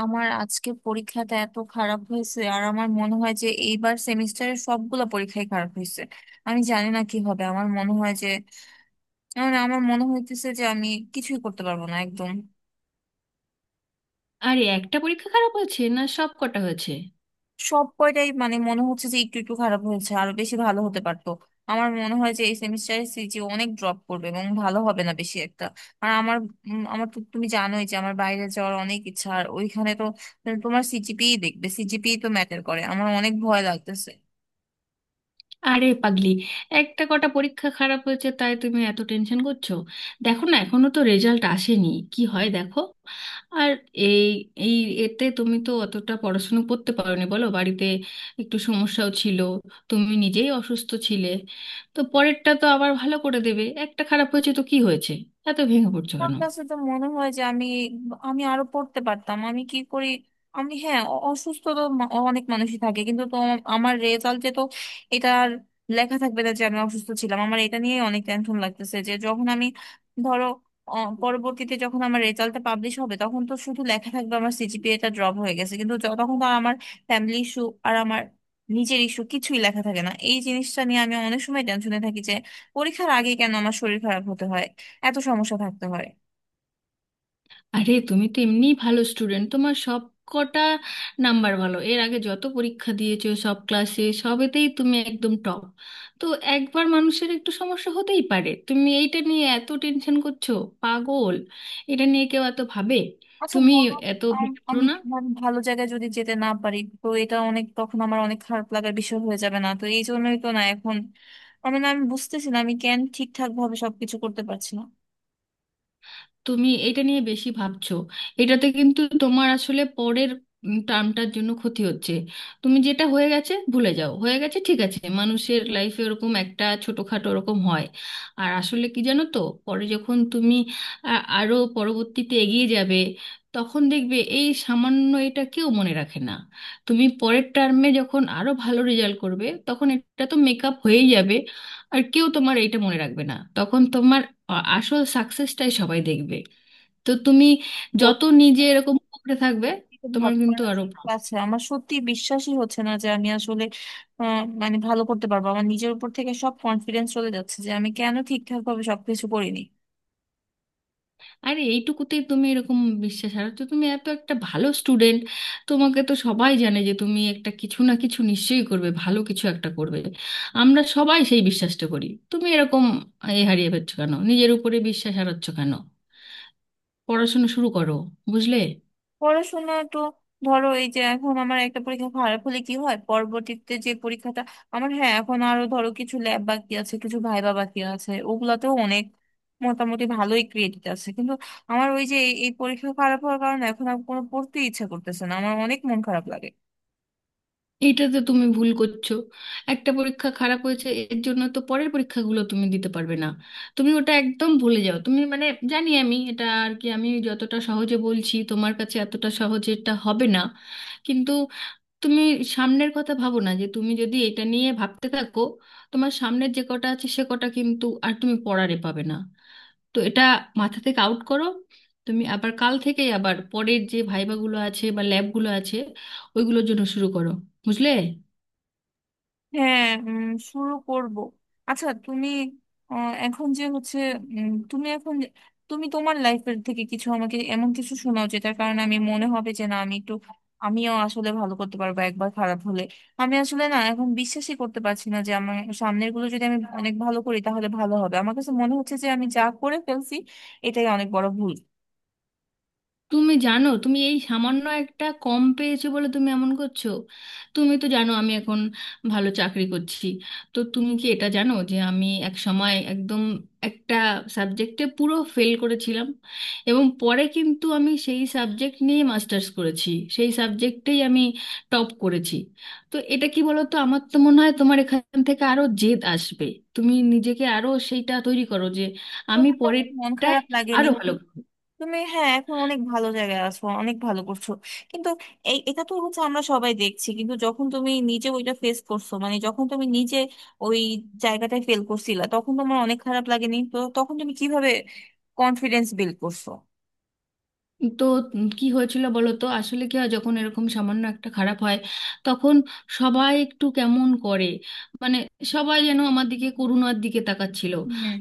আমার আজকে পরীক্ষাটা এত খারাপ হয়েছে, আর আমার মনে হয় যে এইবার সেমিস্টারের সবগুলো পরীক্ষাই খারাপ হয়েছে। আমি জানি না কি হবে, আমার মনে হয় যে মানে আমার মনে হইতেছে যে আমি কিছুই করতে পারবো না একদম। আরে, একটা পরীক্ষা খারাপ হয়েছে, না সব কটা হয়েছে? সব কয়টাই মানে মনে হচ্ছে যে একটু একটু খারাপ হয়েছে, আরো বেশি ভালো হতে পারতো। আমার মনে হয় যে এই সেমিস্টারে সিজি অনেক ড্রপ করবে এবং ভালো হবে না বেশি একটা। আর আমার আমার তো তুমি জানোই যে আমার বাইরে যাওয়ার অনেক ইচ্ছা, আর ওইখানে তো তোমার সিজিপিই দেখবে, সিজিপিই তো ম্যাটার করে। আমার অনেক ভয় লাগতেছে। আরে পাগলি, একটা কটা পরীক্ষা খারাপ হয়েছে তাই তুমি এত টেনশন করছো? দেখো না, এখনো তো রেজাল্ট আসেনি। কি হয় দেখো। আর এই এই এতে তুমি তো অতটা পড়াশুনো করতে পারোনি বলো, বাড়িতে একটু সমস্যাও ছিল, তুমি নিজেই অসুস্থ ছিলে। তো পরেরটা তো আবার ভালো করে দেবে, একটা খারাপ হয়েছে তো কি হয়েছে? এত ভেঙে পড়ছো আমার কেন? কাছে তো মনে হয় যে আমি আমি আরো পড়তে পারতাম। আমি কি করি? আমি হ্যাঁ অসুস্থ তো অনেক মানুষই থাকে, কিন্তু তো আমার রেজাল্টে তো এটা আর লেখা থাকবে না যে আমি অসুস্থ ছিলাম। আমার এটা নিয়ে অনেক টেনশন লাগতেছে যে যখন আমি, ধরো, অ, পরবর্তীতে যখন আমার রেজাল্টটা পাবলিশ হবে তখন তো শুধু লেখা থাকবে আমার সিজিপিএটা ড্রপ হয়ে গেছে, কিন্তু তখন তো আর আমার ফ্যামিলি ইস্যু আর আমার নিজের ইস্যু কিছুই লেখা থাকে না। এই জিনিসটা নিয়ে আমি অনেক সময় টেনশনে থাকি যে পরীক্ষার আগে কেন আমার শরীর খারাপ হতে হয়, এত সমস্যা থাকতে হয়। আরে তুমি তো এমনিই ভালো স্টুডেন্ট, তোমার সব কটা নাম্বার ভালো, এর আগে যত পরীক্ষা দিয়েছো সব ক্লাসে সবেতেই তুমি একদম টপ। তো একবার মানুষের একটু সমস্যা হতেই পারে, তুমি এইটা নিয়ে এত টেনশন করছো? পাগল, এটা নিয়ে কেউ এত ভাবে? আচ্ছা তুমি বলো। এত ভেবো আমি না। তোমার, ভালো জায়গায় যদি যেতে না পারি তো এটা অনেক, তখন আমার অনেক খারাপ লাগার বিষয় হয়ে যাবে না, তো এই জন্যই তো না এখন। আমি না, আমি বুঝতেছি না আমি কেন ঠিকঠাক ভাবে সবকিছু করতে পারছি না। তুমি এটা নিয়ে বেশি ভাবছো, এটাতে কিন্তু তোমার আসলে পরের টার্মটার জন্য ক্ষতি হচ্ছে। তুমি যেটা হয়ে গেছে ভুলে যাও, হয়ে গেছে ঠিক আছে, মানুষের লাইফে ওরকম একটা ছোটখাটো ওরকম হয়। আর আসলে কি জানো তো, পরে যখন তুমি আরো পরবর্তীতে এগিয়ে যাবে, তখন দেখবে এই সামান্য এটা কেউ মনে রাখে না। তুমি পরের টার্মে যখন আরো ভালো রেজাল্ট করবে, তখন এটা তো মেকআপ হয়েই যাবে, আর কেউ তোমার এটা মনে রাখবে না, তখন তোমার আসল সাকসেসটাই সবাই দেখবে। তো তুমি যত সত্যি নিজে এরকম উপরে থাকবে, তো তোমার ভালো কিন্তু করার আরো ভালো। আছে। আমার সত্যি বিশ্বাসই হচ্ছে না যে আমি আসলে, মানে ভালো করতে পারবো। আমার নিজের উপর থেকে সব কনফিডেন্স চলে যাচ্ছে যে আমি কেন ঠিকঠাক ভাবে সবকিছু করিনি। আর এইটুকুতেই তুমি এরকম বিশ্বাস, আর তো তুমি এত একটা ভালো স্টুডেন্ট, তোমাকে তো সবাই জানে যে তুমি একটা কিছু না কিছু নিশ্চয়ই করবে, ভালো কিছু একটা করবে। আমরা সবাই সেই বিশ্বাসটা করি। তুমি এরকম এ হারিয়ে ফেলছো কেন, নিজের উপরে বিশ্বাস হারাচ্ছ কেন? পড়াশোনা শুরু করো, বুঝলে? পড়াশোনা তো ধরো, এই যে এখন আমার একটা পরীক্ষা খারাপ হলে কি হয়? পরবর্তীতে যে পরীক্ষাটা আমার, হ্যাঁ, এখন আরো ধরো কিছু ল্যাব বাকি আছে, কিছু ভাইবা বাকি আছে, ওগুলাতেও অনেক মোটামুটি ভালোই ক্রেডিট আছে। কিন্তু আমার ওই যে এই এই পরীক্ষা খারাপ হওয়ার কারণে এখন আর কোনো পড়তে ইচ্ছা করতেছে না, আমার অনেক মন খারাপ লাগে। এইটাতে তুমি ভুল করছো। একটা পরীক্ষা খারাপ হয়েছে এর জন্য তো পরের পরীক্ষাগুলো তুমি দিতে পারবে না। তুমি ওটা একদম ভুলে যাও, তুমি মানে জানি, আমি এটা আর কি আমি যতটা সহজে বলছি তোমার কাছে এতটা সহজে এটা হবে না, কিন্তু তুমি সামনের কথা ভাবো না, যে তুমি যদি এটা নিয়ে ভাবতে থাকো তোমার সামনের যে কটা আছে সে কটা কিন্তু আর তুমি পড়ারে পাবে না। তো এটা মাথা থেকে আউট করো। তুমি আবার কাল থেকেই আবার পরের যে ভাইভাগুলো আছে বা ল্যাবগুলো আছে ওইগুলোর জন্য শুরু করো, বুঝলে? হ্যাঁ, শুরু করব। আচ্ছা তুমি, এখন যে হচ্ছে, তুমি এখন তুমি তোমার লাইফের থেকে কিছু আমাকে, এমন কিছু শোনাও যেটার কারণে আমি মনে হবে যে না, আমি একটু, আমিও আসলে ভালো করতে পারবো একবার খারাপ হলে। আমি আসলে না, এখন বিশ্বাসই করতে পারছি না যে আমার সামনের গুলো যদি আমি অনেক ভালো করি তাহলে ভালো হবে। আমার কাছে মনে হচ্ছে যে আমি যা করে ফেলছি এটাই অনেক বড় ভুল। তুমি জানো, তুমি এই সামান্য একটা কম পেয়েছো বলে তুমি এমন করছো। তুমি তো জানো আমি এখন ভালো চাকরি করছি, তো তুমি কি এটা জানো যে আমি এক সময় একদম একটা সাবজেক্টে পুরো ফেল করেছিলাম, এবং পরে কিন্তু আমি সেই সাবজেক্ট নিয়ে মাস্টার্স করেছি, সেই সাবজেক্টেই আমি টপ করেছি। তো এটা কি বলো তো, আমার তো মনে হয় তোমার এখান থেকে আরো জেদ আসবে। তুমি নিজেকে আরো সেইটা তৈরি করো যে আমি তোমার তখন মন পরেরটায় খারাপ লাগেনি? আরো ভালো করবো। তুমি, হ্যাঁ, এখন অনেক ভালো জায়গায় আছো, অনেক ভালো করছো, কিন্তু এই এটা তো হচ্ছে আমরা সবাই দেখছি। কিন্তু যখন তুমি নিজে ওইটা ফেস করছো, মানে যখন তুমি নিজে ওই জায়গাটায় ফেল করছিলা তখন তোমার অনেক খারাপ লাগেনি? তো তখন তুমি কিভাবে কনফিডেন্স বিল্ড করছো? তো কি হয়েছিল বলো তো, আসলে কি হয় যখন এরকম সামান্য একটা খারাপ হয়, তখন সবাই একটু কেমন করে, মানে সবাই যেন আমার দিকে করুণার দিকে তাকাচ্ছিল।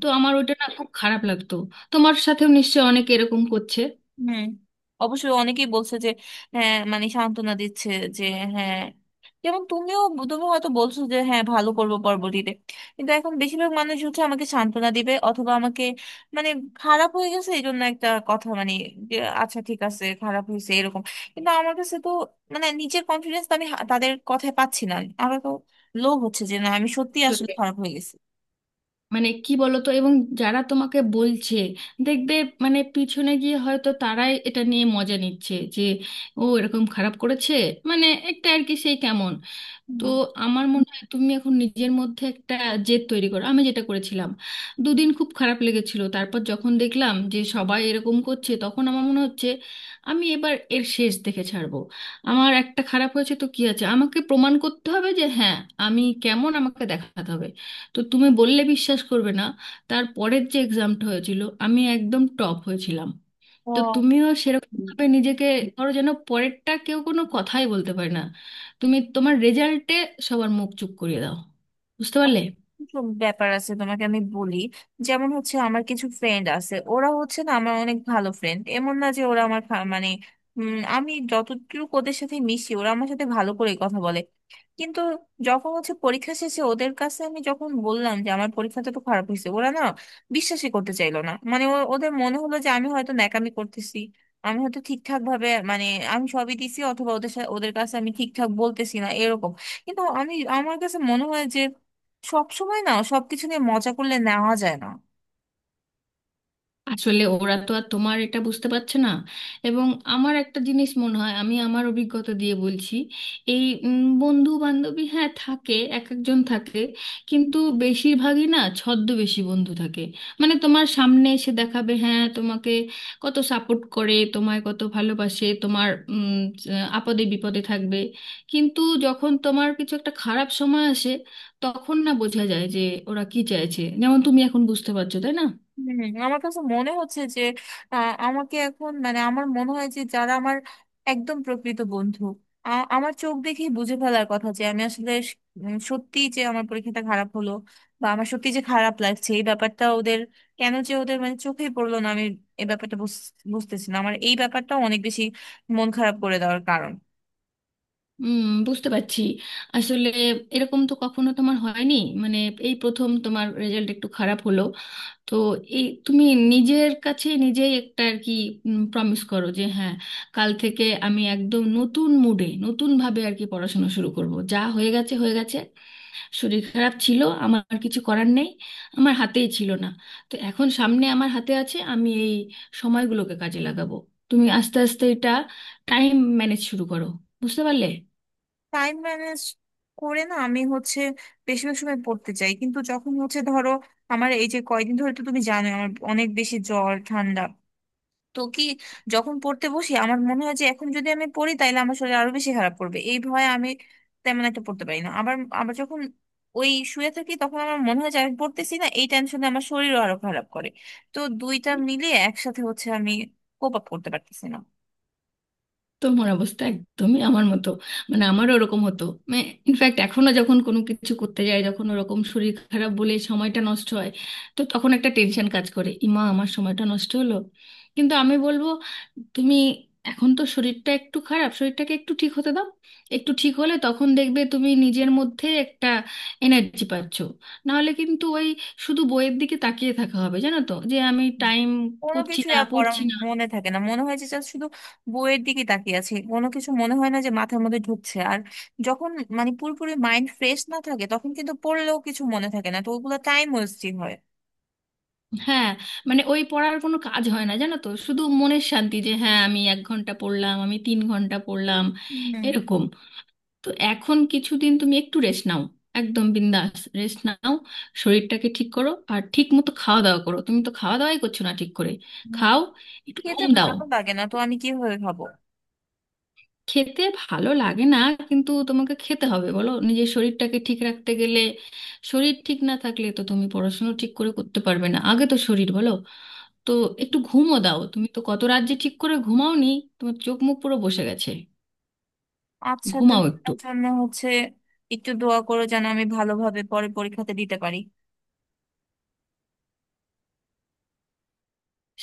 তো আমার ওটা না খুব খারাপ লাগতো। তোমার সাথেও নিশ্চয় অনেকে এরকম করছে। হুম। অবশ্যই অনেকেই বলছে যে হ্যাঁ, মানে সান্ত্বনা দিচ্ছে যে হ্যাঁ, যেমন তুমিও, তুমি হয়তো বলছো যে হ্যাঁ ভালো করবো পরবর্তীতে। কিন্তু এখন বেশিরভাগ মানুষ হচ্ছে আমাকে সান্ত্বনা দিবে, অথবা আমাকে, মানে, খারাপ হয়ে গেছে এই জন্য একটা কথা, মানে যে আচ্ছা ঠিক আছে খারাপ হয়েছে এরকম। কিন্তু আমার কাছে তো মানে নিজের কনফিডেন্স তো আমি তাদের কথায় পাচ্ছি না। আমার তো লোভ হচ্ছে যে না, আমি সত্যি আসলে আসলে, খারাপ হয়ে গেছি। মানে কি বলো তো, এবং যারা তোমাকে বলছে দেখবে মানে পিছনে গিয়ে হয়তো তারাই এটা নিয়ে মজা নিচ্ছে যে ও এরকম খারাপ করেছে, মানে একটা আর কি সেই কেমন। তো হুম। আমার মনে হয় তুমি এখন নিজের মধ্যে একটা জেদ তৈরি করো, আমি যেটা করেছিলাম। দুদিন খুব খারাপ লেগেছিল, তারপর যখন দেখলাম যে সবাই এরকম করছে, তখন আমার মনে হচ্ছে আমি এবার এর শেষ দেখে ছাড়বো। আমার একটা খারাপ হয়েছে তো কি আছে, আমাকে প্রমাণ করতে হবে যে হ্যাঁ আমি কেমন আমাকে দেখাতে হবে। তো তুমি বললে বিশ্বাস করবে না, তার পরের যে এক্সামটা হয়েছিল আমি একদম টপ হয়েছিলাম। তো তুমিও সেরকম ও, ভাবে নিজেকে ধরো যেন পরেরটা কেউ কোনো কথাই বলতে পারে না। তুমি তোমার রেজাল্টে সবার মুখ চুপ করিয়ে দাও, বুঝতে পারলে? কিছু ব্যাপার আছে, তোমাকে আমি বলি। যেমন হচ্ছে আমার কিছু ফ্রেন্ড আছে, ওরা হচ্ছে না আমার অনেক ভালো ফ্রেন্ড, এমন না যে ওরা আমার মানে, আমি যতটুকু ওদের সাথে মিশি ওরা আমার সাথে ভালো করে কথা বলে। কিন্তু যখন হচ্ছে পরীক্ষা শেষে ওদের কাছে আমি যখন বললাম যে আমার পরীক্ষাটা তো খারাপ হয়েছে, ওরা না বিশ্বাসই করতে চাইলো না। মানে ওদের মনে হলো যে আমি হয়তো ন্যাকামি করতেছি, আমি হয়তো ঠিকঠাক ভাবে, মানে আমি সবই দিছি, অথবা ওদের সাথে, ওদের কাছে আমি ঠিকঠাক বলতেছি না এরকম। কিন্তু আমি, আমার কাছে মনে হয় যে সব সময় না সবকিছু নিয়ে মজা করলে নেওয়া যায় না। আসলে ওরা তো আর তোমার এটা বুঝতে পারছে না। এবং আমার একটা জিনিস মনে হয়, আমি আমার অভিজ্ঞতা দিয়ে বলছি, এই বন্ধু বান্ধবী হ্যাঁ থাকে, এক একজন থাকে, কিন্তু বেশিরভাগই না ছদ্মবেশী বন্ধু থাকে। মানে তোমার সামনে এসে দেখাবে হ্যাঁ তোমাকে কত সাপোর্ট করে তোমায় কত ভালোবাসে, তোমার আপদে বিপদে থাকবে। কিন্তু যখন তোমার কিছু একটা খারাপ সময় আসে, তখন না বোঝা যায় যে ওরা কি চাইছে, যেমন তুমি এখন বুঝতে পারছো, তাই না? হুম, আমার কাছে মনে হচ্ছে যে আমাকে এখন, মানে আমার মনে হয় যে যারা আমার একদম প্রকৃত বন্ধু, আমার চোখ দেখেই বুঝে ফেলার কথা যে আমি আসলে সত্যি যে আমার পরীক্ষাটা খারাপ হলো বা আমার সত্যি যে খারাপ লাগছে, এই ব্যাপারটা ওদের কেন যে ওদের মানে চোখেই পড়লো না। আমি এই ব্যাপারটা বুঝতেছি না। আমার এই ব্যাপারটা অনেক বেশি মন খারাপ করে দেওয়ার কারণ। হুম, বুঝতে পারছি। আসলে এরকম তো কখনো তোমার হয়নি, মানে এই প্রথম তোমার রেজাল্ট একটু খারাপ হলো। তো এই তুমি নিজের কাছে নিজেই একটা আর কি প্রমিস করো যে হ্যাঁ কাল থেকে আমি একদম নতুন মুডে নতুন ভাবে আর কি পড়াশোনা শুরু করব, যা হয়ে গেছে হয়ে গেছে, শরীর খারাপ ছিল, আমার আর কিছু করার নেই, আমার হাতেই ছিল না। তো এখন সামনে আমার হাতে আছে, আমি এই সময়গুলোকে কাজে লাগাবো। তুমি আস্তে আস্তে এটা টাইম ম্যানেজ শুরু করো, বুঝতে পারলে? টাইম ম্যানেজ করে না, আমি হচ্ছে বেশিরভাগ সময় পড়তে চাই, কিন্তু যখন হচ্ছে ধরো আমার এই যে কয়দিন ধরে তো তুমি জানো আমার অনেক বেশি জ্বর ঠান্ডা, তো কি, যখন পড়তে বসি আমার মনে হয় যে এখন যদি আমি পড়ি তাহলে আমার শরীর আরো বেশি খারাপ করবে, এই ভয়ে আমি তেমন একটা পড়তে পারি না। আবার, যখন ওই শুয়ে থাকি তখন আমার মনে হয় যে আমি পড়তেছি না, এই টেনশনে আমার শরীরও আরো খারাপ করে। তো দুইটা মিলিয়ে একসাথে হচ্ছে আমি কোপ আপ করতে পারতেছি না। তোমার অবস্থা একদমই আমার মতো, মানে আমারও ওরকম হতো, মানে ইনফ্যাক্ট এখনো যখন কোনো কিছু করতে যায় যখন ওরকম শরীর খারাপ বলে সময়টা নষ্ট হয়, তো তখন একটা টেনশন কাজ করে ইমা আমার সময়টা নষ্ট হলো। কিন্তু আমি বলবো তুমি এখন তো শরীরটা একটু খারাপ, শরীরটাকে একটু ঠিক হতে দাও। একটু ঠিক হলে তখন দেখবে তুমি নিজের মধ্যে একটা এনার্জি পাচ্ছ, নাহলে কিন্তু ওই শুধু বইয়ের দিকে তাকিয়ে থাকা হবে, জানো তো যে আমি টাইম কোনো করছি কিছুই না আর পড়া পড়ছি না। মনে থাকে না, মনে হয় যে just শুধু বইয়ের দিকে তাকিয়ে আছে, কোনো কিছু মনে হয় না যে মাথার মধ্যে ঢুকছে। আর যখন মানে পুরোপুরি মাইন্ড ফ্রেশ না থাকে তখন কিন্তু পড়লেও কিছু মনে থাকে না, তো ওগুলো টাইম ওয়েস্টিং হয়। হ্যাঁ, মানে ওই পড়ার কোনো কাজ হয় না, জানো তো, শুধু মনের শান্তি যে হ্যাঁ আমি 1 ঘন্টা পড়লাম আমি 3 ঘন্টা পড়লাম হুম। এরকম। তো এখন কিছুদিন তুমি একটু রেস্ট নাও। একদম বিন্দাস রেস্ট নাও, শরীরটাকে ঠিক করো আর ঠিক মতো খাওয়া দাওয়া করো, তুমি তো খাওয়া দাওয়াই করছো না ঠিক করে। হুম। খাও, একটু খেতে ঘুম দাও। ভালো লাগে না, তো আমি কিভাবে খাবো? খেতে ভালো লাগে না? কিন্তু তোমাকে খেতে হবে বলো, নিজের শরীরটাকে ঠিক রাখতে গেলে শরীর ঠিক না থাকলে তো তুমি পড়াশোনা ঠিক করে করতে পারবে না, আগে তো শরীর বলো। তো একটু ঘুমও দাও, তুমি তো কত রাত যে ঠিক করে ঘুমাওনি, তোমার চোখ মুখ পুরো বসে গেছে। আচ্ছা ঘুমাও তুমি একটু। আমার জন্য হচ্ছে একটু দোয়া করো যেন আমি ভালোভাবে পরে পরীক্ষাতে দিতে পারি।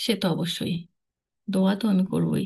সে তো অবশ্যই, দোয়া তো আমি করবোই।